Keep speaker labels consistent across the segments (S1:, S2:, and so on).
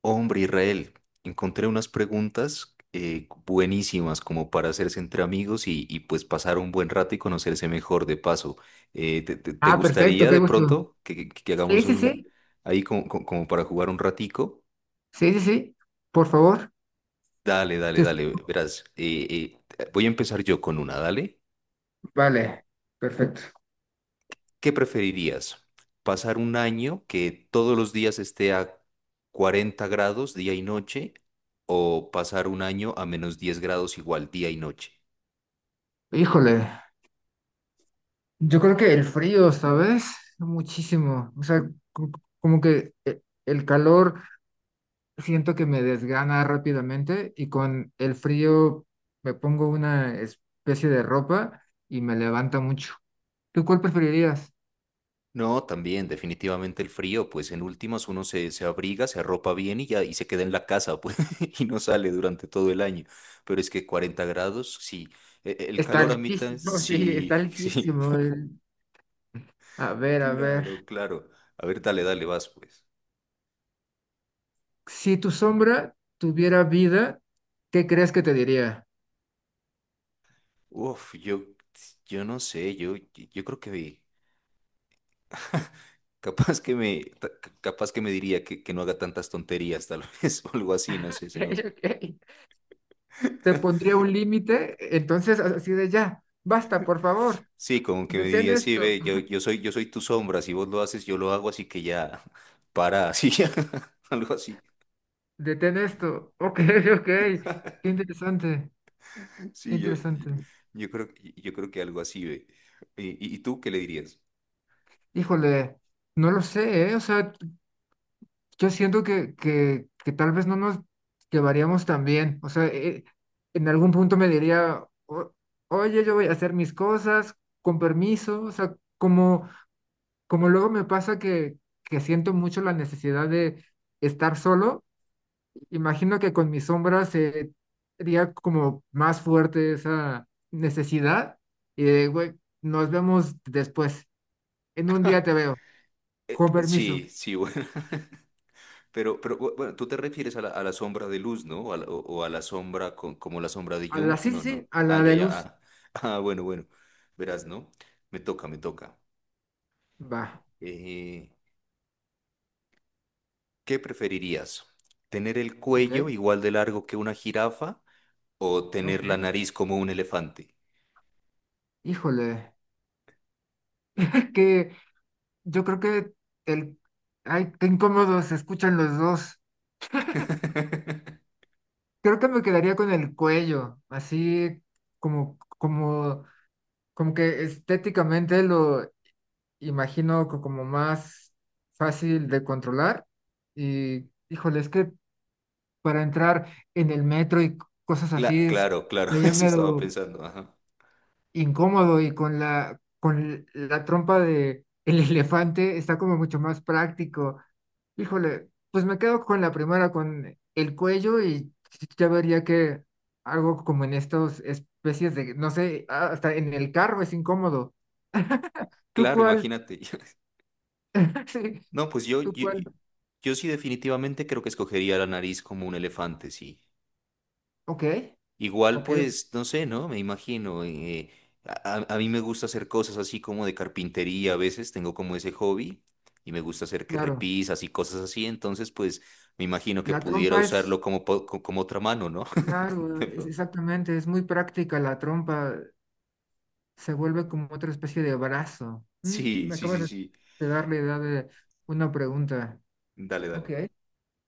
S1: Hombre, Israel, encontré unas preguntas buenísimas como para hacerse entre amigos y pues pasar un buen rato y conocerse mejor de paso. Te
S2: Ah, perfecto,
S1: gustaría
S2: qué
S1: de
S2: gusto.
S1: pronto que
S2: Sí,
S1: hagamos
S2: sí,
S1: un
S2: sí,
S1: ahí como, como para jugar un ratico?
S2: sí, sí, sí, por favor.
S1: Dale, dale,
S2: Sí, sí.
S1: dale. Verás, voy a empezar yo con una, dale.
S2: Vale, perfecto.
S1: ¿Qué preferirías? ¿Pasar un año que todos los días esté a 40 grados día y noche o pasar un año a menos 10 grados igual día y noche?
S2: Híjole, yo creo que el frío, ¿sabes? Muchísimo. O sea, co- como que el calor siento que me desgana rápidamente y con el frío me pongo una especie de ropa y me levanta mucho. ¿Tú cuál preferirías?
S1: No, también, definitivamente el frío, pues en últimas uno se abriga, se arropa bien y ya, y se queda en la casa, pues, y no sale durante todo el año. Pero es que 40 grados, sí. El
S2: Está
S1: calor, amita,
S2: altísimo, sí, está
S1: sí, sí.
S2: altísimo. A ver, a ver.
S1: Claro, claro. A ver, vas, pues.
S2: Si tu sombra tuviera vida, ¿qué crees que te diría?
S1: Uf, yo no sé, yo creo que capaz que me, ta- capaz que me diría que no haga tantas tonterías, tal vez, o algo así, no sé, se me.
S2: Ok. Te pondría un límite, entonces así de ya, basta, por favor,
S1: Sí, como que me
S2: detén
S1: diría, sí,
S2: esto,
S1: ve, yo soy tu sombra, si vos lo haces, yo lo hago, así que ya, para, así, algo así.
S2: detén esto. Ok, ok, qué interesante, qué
S1: Sí,
S2: interesante.
S1: yo creo, yo creo que algo así, ve. ¿Y, y tú qué le dirías?
S2: Híjole, no lo sé, ¿eh? O sea, yo siento que, que tal vez no nos llevaríamos tan bien. O sea, en algún punto me diría, oye, yo voy a hacer mis cosas con permiso, o sea, como luego me pasa que siento mucho la necesidad de estar solo, imagino que con mis sombras sería como más fuerte esa necesidad y de, güey, nos vemos después. En un día te veo, con permiso.
S1: Sí, sí, bueno, bueno, tú te refieres a la sombra de luz, ¿no? O a la, o a la sombra como la sombra de
S2: A la,
S1: Jung,
S2: sí, sí,
S1: no, no.
S2: sí, a
S1: Ah,
S2: la
S1: ya,
S2: de
S1: ya,
S2: luz.
S1: ah, ah, bueno, bueno, verás, ¿no? Me toca, me toca.
S2: Va,
S1: Eh, ¿Qué preferirías? ¿Tener el
S2: ok,
S1: cuello igual de largo que una jirafa? O
S2: ok.
S1: tener la nariz como un elefante.
S2: Híjole, es que yo creo que el... ay, qué incómodo se escuchan los dos. Creo que me quedaría con el cuello, así como como que estéticamente lo imagino como más fácil de controlar y, híjole, es que para entrar en el metro y cosas así es
S1: Claro, claro,
S2: ya
S1: eso estaba
S2: medio
S1: pensando. Ajá.
S2: incómodo y con la trompa de el elefante está como mucho más práctico. Híjole, pues me quedo con la primera, con el cuello y ya vería que algo como en estas especies de, no sé, hasta en el carro es incómodo. ¿Tú
S1: Claro,
S2: cuál
S1: imagínate.
S2: sí,
S1: No, pues
S2: tú
S1: yo,
S2: cuál.
S1: yo sí definitivamente creo que escogería la nariz como un elefante, sí.
S2: Ok,
S1: Igual,
S2: ok,
S1: pues, no sé, ¿no? Me imagino. A mí me gusta hacer cosas así como de carpintería a veces, tengo como ese hobby y me gusta hacer que
S2: claro.
S1: repisas y cosas así, entonces, pues, me imagino que
S2: La
S1: pudiera
S2: trompa
S1: usarlo
S2: es,
S1: como, como otra mano, ¿no?
S2: claro,
S1: De pronto.
S2: exactamente, es muy práctica. La trompa se vuelve como otra especie de brazo.
S1: Sí,
S2: Me
S1: sí,
S2: acabas
S1: sí,
S2: de
S1: sí.
S2: de dar la idea de una pregunta.
S1: Dale,
S2: Ok.
S1: dale.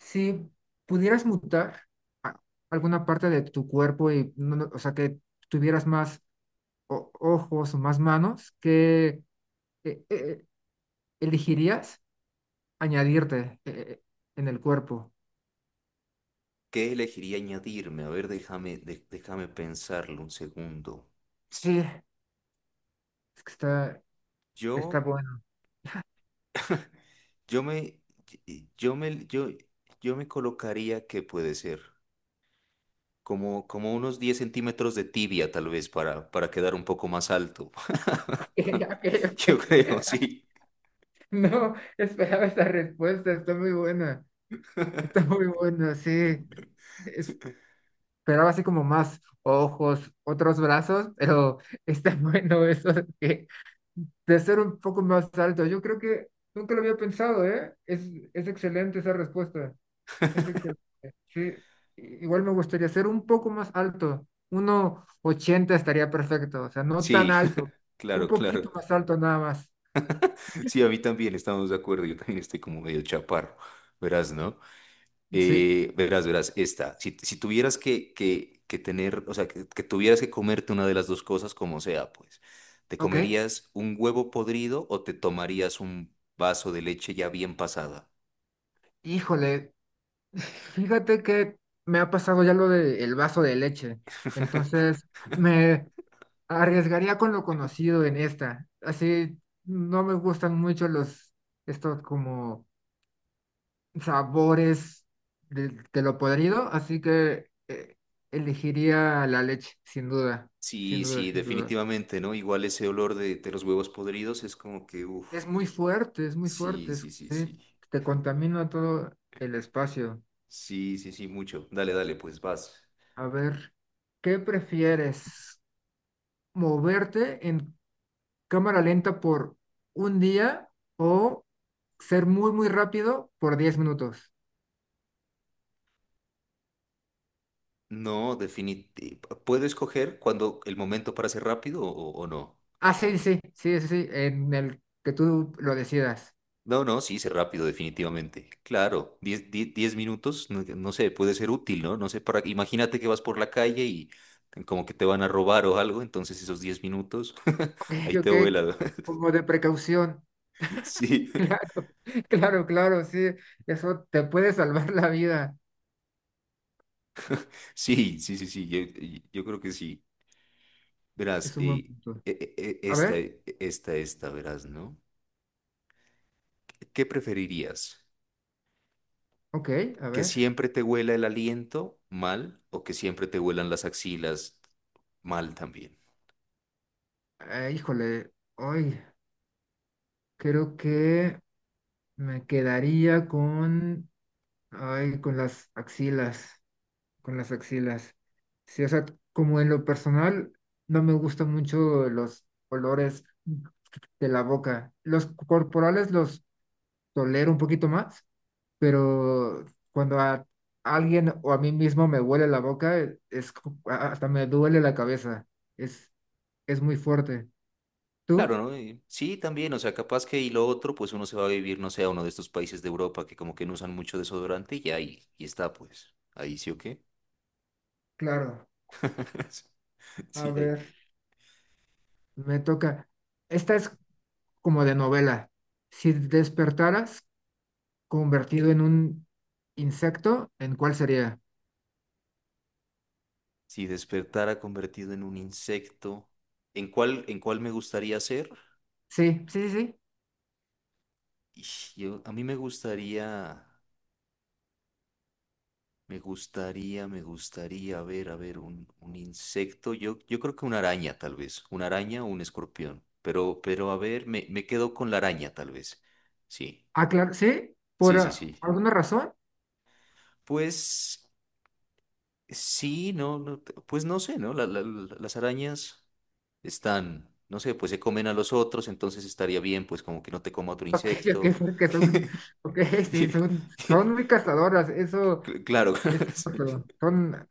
S2: Si pudieras mutar a- alguna parte de tu cuerpo y, o sea, que tuvieras más ojos o más manos, ¿qué eh, eh, eh, elegirías añadirte en el cuerpo?
S1: ¿Qué elegiría añadirme? A ver, déjame pensarlo un segundo.
S2: Sí. Es que está
S1: Yo,
S2: bueno.
S1: yo me, yo me, yo, yo me colocaría que puede ser como, como unos 10 centímetros de tibia, tal vez, para quedar un poco más alto.
S2: Ok, ok,
S1: Yo
S2: ok.
S1: creo, sí.
S2: No esperaba esa respuesta, está muy buena. Está muy buena, sí. Esperaba así como más ojos, otros brazos, pero está bueno eso de, de ser un poco más alto. Yo creo que nunca lo había pensado, ¿eh? Es excelente esa respuesta. Es excelente. Sí. Igual me gustaría ser un poco más alto. Uno ochenta estaría perfecto, o sea, no tan
S1: Sí,
S2: alto, un
S1: claro, claro.
S2: poquito más alto nada más.
S1: Sí, a mí también estamos de acuerdo. Yo también estoy como medio chaparro. Verás, ¿no?
S2: Sí,
S1: Verás, esta. Si tuvieras que tener, o sea, que tuvieras que comerte una de las dos cosas, como sea, pues, ¿te
S2: ok,
S1: comerías un huevo podrido o te tomarías un vaso de leche ya bien pasada?
S2: híjole, fíjate que me ha pasado ya lo del vaso de leche, entonces me arriesgaría con lo conocido en esta, así no me gustan mucho estos como sabores de lo podrido, así que elegiría la leche, sin duda, sin
S1: Sí,
S2: duda,
S1: sí,
S2: sin duda.
S1: definitivamente, ¿no? Igual ese olor de los huevos podridos es como que, uff,
S2: Es muy
S1: sí,
S2: fuerte,
S1: sí, sí,
S2: sí,
S1: sí.
S2: te contamina todo el espacio.
S1: Sí, sí, sí, mucho. Dale, dale, pues vas.
S2: A ver, ¿qué prefieres? Moverte en cámara lenta por un día o ser muy, muy rápido por 10 minutos.
S1: No, definitivamente. ¿Puedo escoger cuando el momento para ser rápido o no?
S2: Ah, sí, sí, sí, sí, sí, en el que tú lo decidas.
S1: No, no, sí, sí, rápido, definitivamente. Claro, 10 minutos, no, no sé, puede ser útil, ¿no? No sé, para, imagínate que vas por la calle y como que te van a robar o algo, entonces esos 10 minutos,
S2: Ok,
S1: ahí te
S2: ok,
S1: vuela.
S2: como de precaución.
S1: Sí,
S2: Claro, claro, claro, sí, eso te puede salvar la vida.
S1: sí, sí, sí, sí, yo creo que sí. Verás,
S2: Es un buen punto. A ver,
S1: esta, verás, ¿no? ¿Qué preferirías?
S2: ok, a
S1: ¿Que
S2: ver.
S1: siempre te huela el aliento mal o que siempre te huelan las axilas mal también?
S2: Híjole, hoy creo que me quedaría con, ay, con las axilas. Con las axilas. Sí, o sea, como en lo personal, no me gustan mucho los olores de la boca. Los corporales los tolero un poquito más, pero cuando a alguien o a mí mismo me huele la boca, hasta me duele la cabeza. Es, es muy fuerte.
S1: Claro,
S2: ¿Tú?
S1: ¿no? Y sí, también, o sea, capaz que y lo otro, pues uno se va a vivir, no sé, a uno de estos países de Europa que como que no usan mucho desodorante y ya ahí, y está, pues, ahí sí o qué.
S2: Claro. A
S1: Sí, ahí.
S2: ver, me toca. Esta es como de novela. Si despertaras convertido en un insecto, ¿en cuál sería?
S1: Si despertara convertido en un insecto, en cuál me gustaría ser?
S2: Sí, sí, sí, sí.
S1: Ish, a mí me gustaría, a ver, un insecto, yo creo que una araña tal vez, una araña o un escorpión, pero a ver, me quedo con la araña tal vez, sí.
S2: Ah, claro, sí, por
S1: Sí, sí, sí.
S2: alguna razón.
S1: Pues sí, pues no sé, ¿no? Las arañas están, no sé, pues se comen a los otros, entonces estaría bien, pues como que no te coma otro
S2: Ok, ok,
S1: insecto.
S2: porque son, ok, sí,
S1: Y-
S2: son, muy cazadoras, eso
S1: Claro,
S2: es
S1: sí.
S2: cierto. Son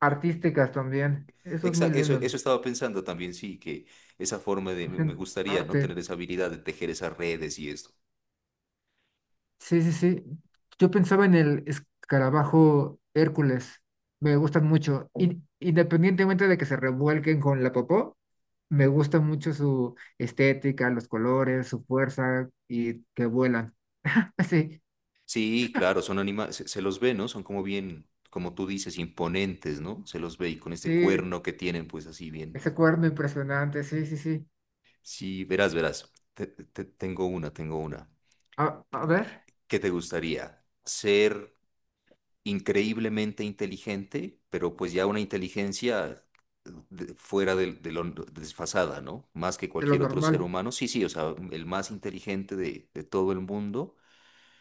S2: artísticas también, eso es muy
S1: Eso,
S2: lindo.
S1: eso estaba pensando también, sí, que esa forma de, me
S2: Hacen
S1: gustaría, ¿no?
S2: arte.
S1: Tener esa habilidad de tejer esas redes y esto.
S2: Sí, sí, sí. Yo pensaba en el escarabajo Hércules, me gustan mucho. Independientemente de que se revuelquen con la popó, me gusta mucho su estética, los colores, su fuerza y que vuelan. Sí.
S1: Sí, claro, son animales, se los ve, ¿no? Son como bien, como tú dices, imponentes, ¿no? Se los ve y con este
S2: Sí,
S1: cuerno que tienen, pues así bien.
S2: ese cuerno impresionante, sí, sí, sí.
S1: Sí, verás, verás. Tengo una, tengo una.
S2: A ver,
S1: ¿Qué te gustaría? ¿Ser increíblemente inteligente, pero pues ya una inteligencia fuera de lo desfasada, ¿no? Más que
S2: de lo
S1: cualquier otro ser
S2: normal,
S1: humano. Sí, sí, o sea, el más inteligente de todo el mundo,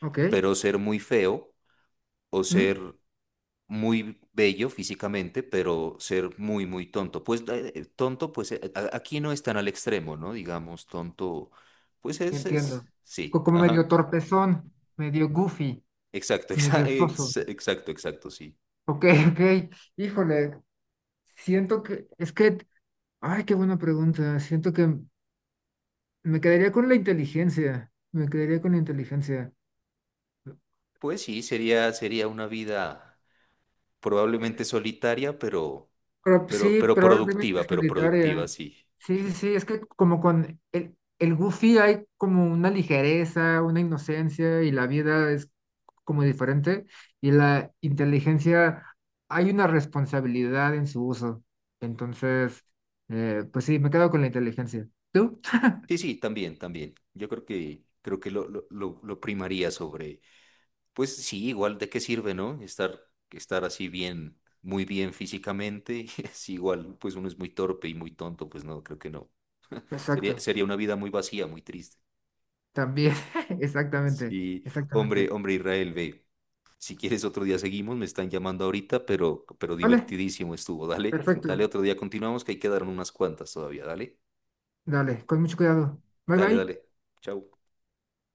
S2: ¿ok?
S1: pero ser muy feo o
S2: ¿Mm?
S1: ser muy bello físicamente, pero ser muy, muy tonto. Pues tonto, pues aquí no es tan al extremo, ¿no? Digamos, tonto, pues
S2: Entiendo.
S1: es, sí,
S2: Como medio
S1: ajá,
S2: torpezón, medio goofy,
S1: exacto,
S2: medio soso.
S1: exacto, sí.
S2: Ok, ok. Híjole, siento que, es que, ay, qué buena pregunta. Siento que me quedaría con la inteligencia, me quedaría con la inteligencia.
S1: Pues sí, sería, sería una vida probablemente solitaria,
S2: Pro- sí, probablemente
S1: pero productiva,
S2: solitaria.
S1: sí.
S2: Sí, sí, sí, es que como con el Goofy hay como una ligereza, una inocencia y la vida es como diferente y la inteligencia hay una responsabilidad en su uso. Entonces, pues sí, me quedo con la inteligencia. ¿Tú?
S1: Sí, sí, también, también. Yo creo que, creo que lo primaría sobre. Pues sí, igual de qué sirve, ¿no? Estar, estar así bien, muy bien físicamente, es igual, pues uno es muy torpe y muy tonto, pues no, creo que no.
S2: Exacto,
S1: Sería, sería una vida muy vacía, muy triste.
S2: también, exactamente,
S1: Sí, hombre,
S2: exactamente.
S1: hombre Israel, ve, si quieres otro día seguimos, me están llamando ahorita, pero
S2: Vale,
S1: divertidísimo estuvo, dale, dale
S2: perfecto.
S1: otro día continuamos, que ahí quedaron unas cuantas todavía,
S2: Dale, con mucho cuidado. Bye bye.
S1: dale, Chau.